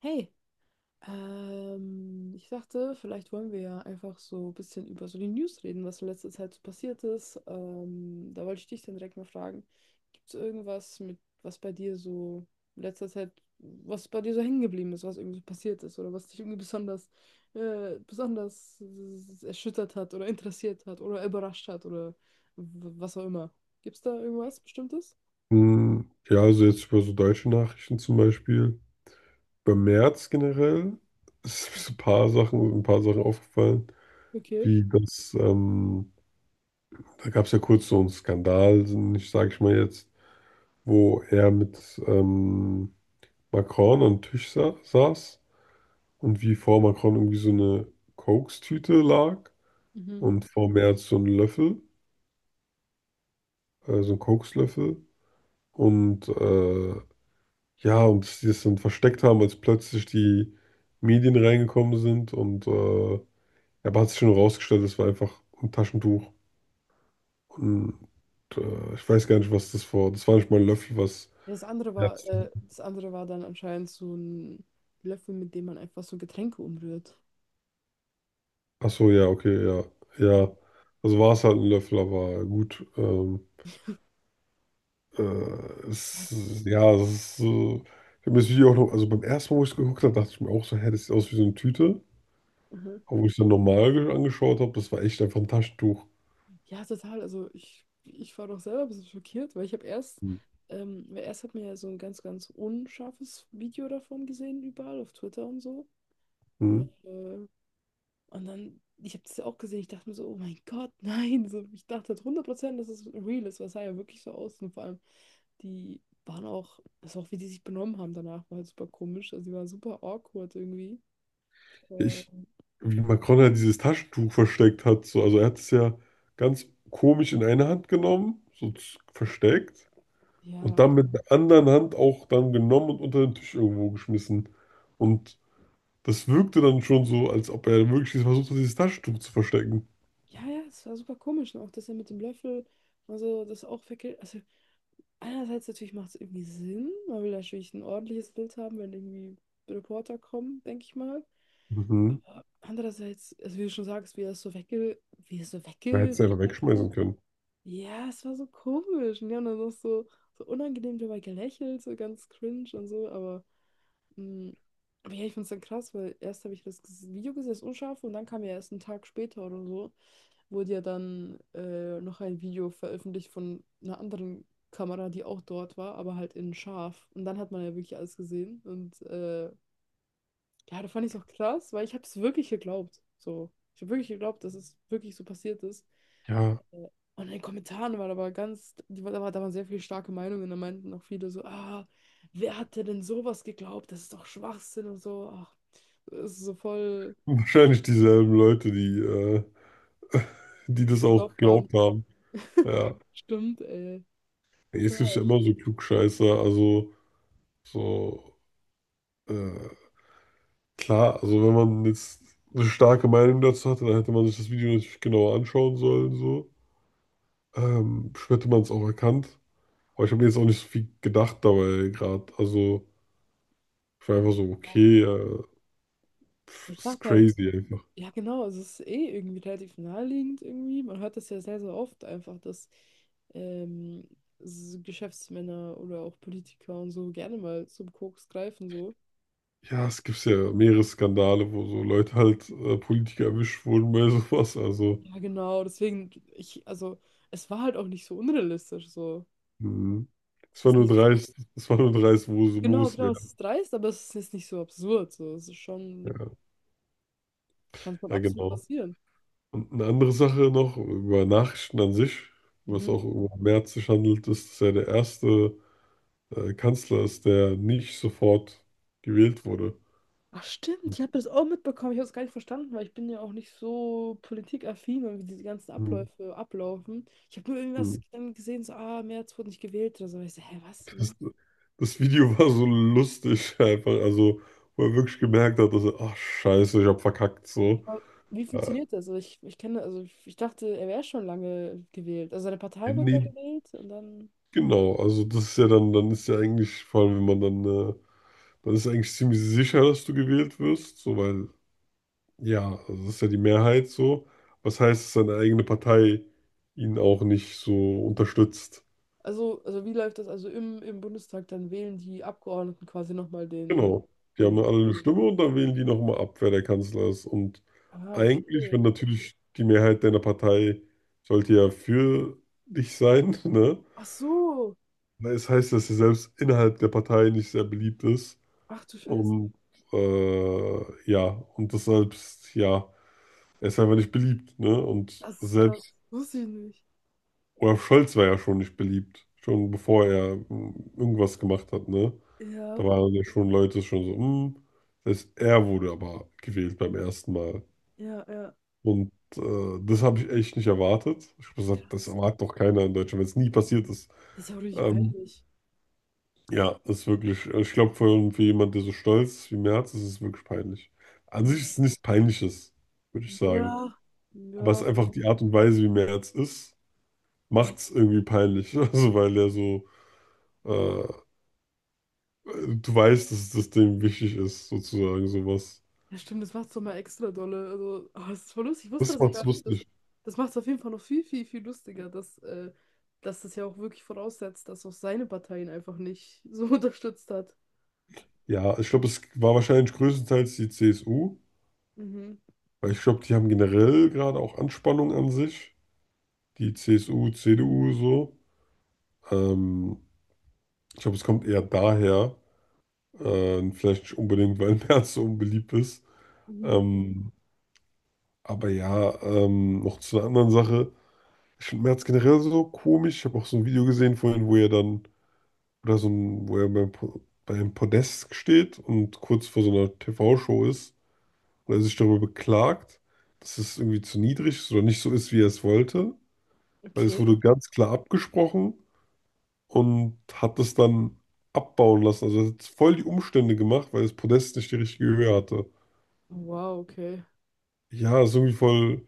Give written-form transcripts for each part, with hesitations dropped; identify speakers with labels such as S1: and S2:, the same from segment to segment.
S1: Hey, ich dachte, vielleicht wollen wir ja einfach so ein bisschen über so die News reden, was in letzter Zeit so passiert ist. Da wollte ich dich dann direkt mal fragen, gibt es irgendwas mit, was bei dir so in letzter Zeit, was bei dir so hängen geblieben ist, was irgendwie so passiert ist oder was dich irgendwie besonders, besonders erschüttert hat oder interessiert hat oder überrascht hat oder was auch immer. Gibt es da irgendwas Bestimmtes?
S2: Hm. Ja, also jetzt über so deutsche Nachrichten zum Beispiel. Bei März generell ist mir so
S1: Mhm.
S2: ein paar Sachen aufgefallen,
S1: Okay.
S2: wie das, da gab es ja kurz so einen Skandal, ich sage ich mal jetzt, wo er mit Macron am Tisch sa saß und wie vor Macron irgendwie so eine Kokstüte lag
S1: Mhm.
S2: und vor Merz so ein Löffel, so ein Kokslöffel und äh, ja, und dass die es dann versteckt haben, als plötzlich die Medien reingekommen sind. Ja, aber hat sich schon rausgestellt, es war einfach ein Taschentuch. Und ich weiß gar nicht, was das war. Das war nicht mal ein Löffel, was.
S1: Ja, das andere war,
S2: Ärzte.
S1: das andere war dann anscheinend so ein Löffel, mit dem man einfach so Getränke umrührt.
S2: Ach so, ja, okay, ja. Ja. Also war es halt ein Löffel, aber gut. Äh,
S1: Ja,
S2: es, ja, es ist so. Ich habe das Video auch noch, also beim ersten Mal, wo ich es geguckt habe, dachte ich mir auch so, hä, das sieht aus wie so eine Tüte.
S1: mhm.
S2: Aber wo ich es dann normal angeschaut habe, das war echt einfach ein Taschentuch.
S1: Ja, total. Also ich war doch selber ein bisschen schockiert, weil weil erst hat mir ja so ein ganz, ganz unscharfes Video davon gesehen, überall auf Twitter und so. Äh,
S2: Mhm.
S1: und dann, ich habe das ja auch gesehen, ich dachte mir so, oh mein Gott, nein. So, ich dachte halt 100%, dass es real ist, was sah ja wirklich so aus. Und vor allem, die waren auch, also auch wie die sich benommen haben danach, war halt super komisch. Also die waren super awkward irgendwie. Äh,
S2: ich, wie Macron ja dieses Taschentuch versteckt hat. So. Also er hat es ja ganz komisch in eine Hand genommen, so versteckt und
S1: ja,
S2: dann mit der anderen Hand auch dann genommen und unter den Tisch irgendwo geschmissen. Und das wirkte dann schon so, als ob er wirklich versucht hat, dieses Taschentuch zu verstecken.
S1: ja, es war super komisch. Und auch das ja mit dem Löffel, also das auch verkehrt. Also einerseits natürlich macht es irgendwie Sinn, man will natürlich ein ordentliches Bild haben, wenn irgendwie Reporter kommen, denke ich mal.
S2: Mhm.
S1: Andererseits, also wie du schon sagst, wie er es so
S2: Er hätte es ja einfach
S1: weggesteckt hat.
S2: wegschmeißen können.
S1: Ja, es war so komisch. Und die haben dann noch so, so unangenehm dabei gelächelt, so ganz cringe und so, aber mm, aber ja, ich find's dann krass, weil erst habe ich das Video gesehen, das Unscharfe, und dann kam ja erst einen Tag später oder so, wurde ja dann noch ein Video veröffentlicht von einer anderen Kamera, die auch dort war, aber halt in scharf. Und dann hat man ja wirklich alles gesehen. Und ja, da fand ich es auch krass, weil ich habe es wirklich geglaubt. So, ich habe wirklich geglaubt, dass es wirklich so passiert ist.
S2: Ja,
S1: Und in den Kommentaren waren aber ganz, da waren sehr viele starke Meinungen. Da meinten auch viele so, ah, wer hat dir denn sowas geglaubt? Das ist doch Schwachsinn und so. Ach, das ist so voll
S2: wahrscheinlich dieselben Leute, die die das auch
S1: geglaubt haben.
S2: geglaubt haben. Ja.
S1: Stimmt, ey.
S2: Jetzt gibt es ja
S1: Total.
S2: immer so Klugscheißer, also so äh, klar, also wenn man jetzt eine starke Meinung dazu hatte, dann hätte man sich das Video natürlich genauer anschauen sollen, so. Bestimmt hätte man es auch erkannt. Aber ich habe mir jetzt auch nicht so viel gedacht dabei gerade. Also ich war einfach so, okay, pff,
S1: Ich
S2: ist
S1: dachte halt,
S2: crazy einfach.
S1: ja genau, also es ist eh irgendwie relativ naheliegend irgendwie. Man hört das ja sehr, sehr oft einfach, dass ähm, Geschäftsmänner oder auch Politiker und so gerne mal zum Koks greifen so.
S2: Ja, es gibt ja mehrere Skandale, wo so Leute halt Politiker erwischt wurden bei sowas. Also,
S1: Ja, genau, deswegen, ich, also, es war halt auch nicht so unrealistisch, so.
S2: mh.
S1: Es
S2: Es war
S1: ist
S2: nur
S1: nicht,
S2: dreist, es war nur dreist, wo, wo
S1: genau,
S2: es
S1: genau,
S2: wäre.
S1: es ist dreist, aber es ist jetzt nicht so absurd, so. Es ist schon,
S2: Ja,
S1: kann schon
S2: ja,
S1: absolut
S2: genau.
S1: passieren.
S2: Und eine andere Sache noch über Nachrichten an sich, was
S1: Mhm.
S2: auch über Merz sich handelt, ist, dass er der erste Kanzler ist, der nicht sofort gewählt wurde.
S1: Ach, stimmt, ich habe das auch mitbekommen, ich habe es gar nicht verstanden, weil ich bin ja auch nicht so politikaffin und wie diese ganzen
S2: Mhm.
S1: Abläufe ablaufen. Ich habe nur irgendwas
S2: Mhm.
S1: dann gesehen, so, ah, Merz wurde nicht gewählt oder so. Ich so, hä, was, wie?
S2: Das, das Video war so lustig, einfach, also wo er wirklich gemerkt hat, dass er, ach Scheiße, ich hab verkackt, so.
S1: Aber wie
S2: Äh,
S1: funktioniert das? Ich kenne, also ich dachte, er wäre schon lange gewählt. Also seine Partei wurde ja
S2: nee,
S1: gewählt und dann.
S2: genau, also das ist ja dann, dann ist ja eigentlich, vor allem wenn man dann, dann ist eigentlich ziemlich sicher, dass du gewählt wirst, so weil ja, also das ist ja die Mehrheit so. Was heißt, dass seine eigene Partei ihn auch nicht so unterstützt?
S1: Also wie läuft das? Also im Bundestag, dann wählen die Abgeordneten quasi nochmal den
S2: Genau. Die haben
S1: Ding.
S2: alle eine Hm. Stimme und dann wählen die nochmal ab, wer der Kanzler ist. Und
S1: Ah,
S2: eigentlich,
S1: okay.
S2: wenn natürlich die Mehrheit deiner Partei sollte ja für dich sein, ne?
S1: Ach so.
S2: Weil es heißt, dass er selbst innerhalb der Partei nicht sehr beliebt ist.
S1: Ach du Scheiße.
S2: Und ja, und deshalb, ja, er ist einfach nicht beliebt, ne? Und
S1: Das ist krass.
S2: selbst
S1: Wusste ich nicht.
S2: Olaf Scholz war ja schon nicht beliebt, schon bevor er mm, irgendwas gemacht hat, ne? Da
S1: Ja,
S2: waren ja schon Leute schon so, hm. Das heißt, er wurde aber gewählt beim ersten Mal.
S1: ja, ja.
S2: Und das habe ich echt nicht erwartet. Ich muss gesagt, das
S1: Krass.
S2: erwartet doch keiner in Deutschland, wenn es nie passiert ist.
S1: Das ist ja auch richtig
S2: Ähm,
S1: peinlich.
S2: ja, das ist wirklich, also ich glaube, für jemanden, der so stolz ist wie Merz, ist es wirklich peinlich. An sich
S1: Ja.
S2: ist es nichts Peinliches, würde ich sagen.
S1: Ja.
S2: Aber es
S1: Ja.
S2: ist einfach die Art und Weise, wie Merz ist, macht es irgendwie peinlich. Also, weil er so äh, du weißt, dass das dem wichtig ist, sozusagen, sowas.
S1: Ja, stimmt, das macht es doch mal extra dolle. Also, ah, das ist voll lustig. Ich wusste
S2: Das
S1: das auch
S2: macht's
S1: gar nicht. Das,
S2: lustig.
S1: das macht es auf jeden Fall noch viel, viel, viel lustiger, dass, dass das ja auch wirklich voraussetzt, dass auch seine Partei ihn einfach nicht so unterstützt hat.
S2: Ja, ich glaube, es war wahrscheinlich größtenteils die CSU,
S1: Mhm.
S2: weil ich glaube, die haben generell gerade auch Anspannung an sich. Die CSU, CDU, so. Ähm, ich glaube, es kommt eher daher. Vielleicht nicht unbedingt, weil Merz so unbeliebt ist.
S1: Mhm.
S2: Ähm, aber ja, noch zu einer anderen Sache. Ich finde Merz generell so komisch. Ich habe auch so ein Video gesehen vorhin, wo er dann oder so ein, wo er bei, Po- bei einem Podest steht und kurz vor so einer TV-Show ist und er sich darüber beklagt, dass es irgendwie zu niedrig ist oder nicht so ist, wie er es wollte. Weil es
S1: Okay.
S2: wurde ganz klar abgesprochen und hat es dann abbauen lassen. Also er hat voll die Umstände gemacht, weil das Podest nicht die richtige Höhe hatte.
S1: Wow, okay.
S2: Ja, ist irgendwie voll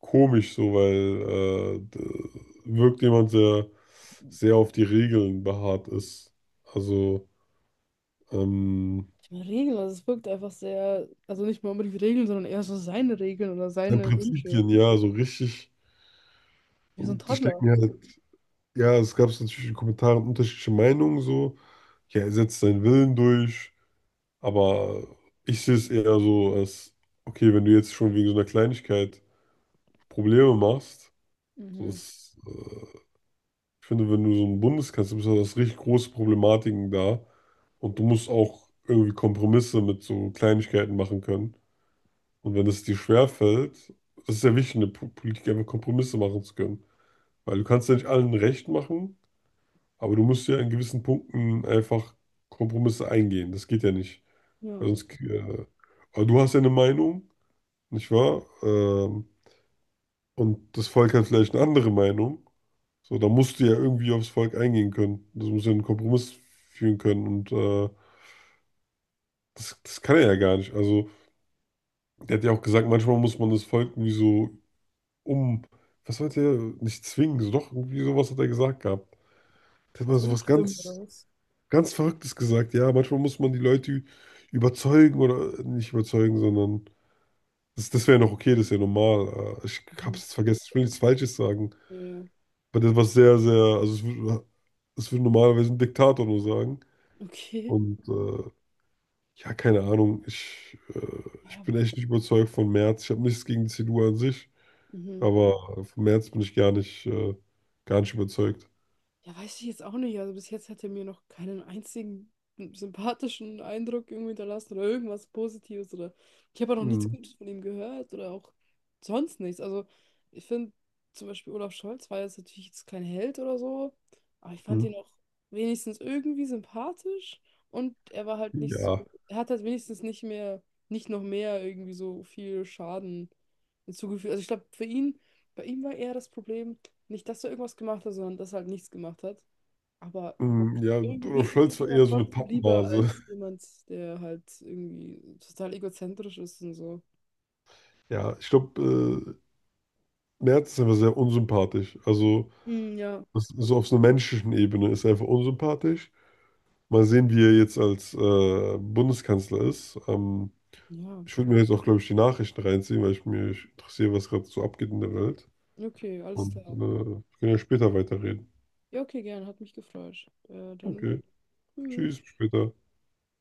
S2: komisch so, weil wirkt jemand, der sehr auf die Regeln beharrt ist. Also, ähm,
S1: Die Regeln, also es wirkt einfach sehr, also nicht mal unbedingt Regeln, sondern eher so seine Regeln oder
S2: An
S1: seine Wünsche.
S2: Prinzipien, ja, so richtig.
S1: Wie so ein
S2: Und ich denke
S1: Toddler.
S2: mir halt, ja, es gab so natürlich in Kommentaren unterschiedliche Meinungen, so. Ja, er setzt seinen Willen durch, aber ich sehe es eher so als, okay, wenn du jetzt schon wegen so einer Kleinigkeit Probleme machst, so
S1: Mhm.
S2: ich finde, wenn du so ein Bundeskanzler bist, hast du richtig große Problematiken da und du musst auch irgendwie Kompromisse mit so Kleinigkeiten machen können. Und wenn es dir schwerfällt, das ist ja wichtig, in der Politik einfach Kompromisse machen zu können. Weil du kannst ja nicht allen recht machen, aber du musst ja in gewissen Punkten einfach Kompromisse eingehen. Das geht ja nicht. Weil
S1: Ja.
S2: sonst, äh, aber du hast ja eine Meinung, nicht wahr? Und das Volk hat vielleicht eine andere Meinung. So, da musst du ja irgendwie aufs Volk eingehen können. Das muss ja einen Kompromiss führen können. Und das, das kann er ja gar nicht. Also, der hat ja auch gesagt, manchmal muss man das Volk irgendwie so um, was hat er, nicht zwingen, so doch, irgendwie sowas hat er gesagt gehabt. Der hat mal
S1: So
S2: so was
S1: umstimmen oder
S2: ganz
S1: was?
S2: Ganz Verrücktes gesagt, ja. Manchmal muss man die Leute überzeugen oder nicht überzeugen, sondern das, das wäre noch okay, das ist ja normal. Ich hab's
S1: Mhm.
S2: jetzt vergessen, ich will nichts Falsches sagen.
S1: Ja.
S2: Aber das war sehr, sehr, also es würde normalerweise ein Diktator nur sagen.
S1: Okay.
S2: Und ja, keine Ahnung, ich
S1: Ja.
S2: bin echt nicht überzeugt von Merz. Ich habe nichts gegen die CDU an sich,
S1: Mhm.
S2: aber von Merz bin ich gar nicht überzeugt.
S1: Ja, weiß ich jetzt auch nicht. Also bis jetzt hat er mir noch keinen einzigen sympathischen Eindruck irgendwie hinterlassen oder irgendwas Positives oder ich habe auch noch nichts
S2: Mhm.
S1: Gutes von ihm gehört oder auch sonst nichts. Also ich finde zum Beispiel Olaf Scholz war jetzt natürlich jetzt kein Held oder so, aber ich fand ihn auch wenigstens irgendwie sympathisch und er war halt nicht so,
S2: Ja.
S1: er hat halt wenigstens nicht mehr, nicht noch mehr irgendwie so viel Schaden hinzugefügt. Also ich glaube, für ihn bei ihm war eher das Problem, nicht, dass er irgendwas gemacht hat, sondern dass er halt nichts gemacht hat. Aber
S2: Mhm. Ja, Olaf
S1: irgendwie ist es
S2: Scholz war
S1: mir dann
S2: eher so eine
S1: trotzdem lieber
S2: Pappnase.
S1: als jemand, der halt irgendwie total egozentrisch ist und so.
S2: Ja, ich glaube, Merz ist einfach sehr unsympathisch. Also,
S1: Hm, ja.
S2: das, so auf so einer menschlichen Ebene ist er einfach unsympathisch. Mal sehen, wie er jetzt als Bundeskanzler ist.
S1: Ja,
S2: Ich würde mir jetzt auch, glaube ich, die Nachrichten reinziehen, weil ich mich interessiere, was gerade so abgeht in der Welt.
S1: okay, alles
S2: Und
S1: klar.
S2: wir können ja später weiterreden.
S1: Ja, okay, gern, hat mich gefreut. Dann
S2: Okay,
S1: tschüss.
S2: tschüss, bis später.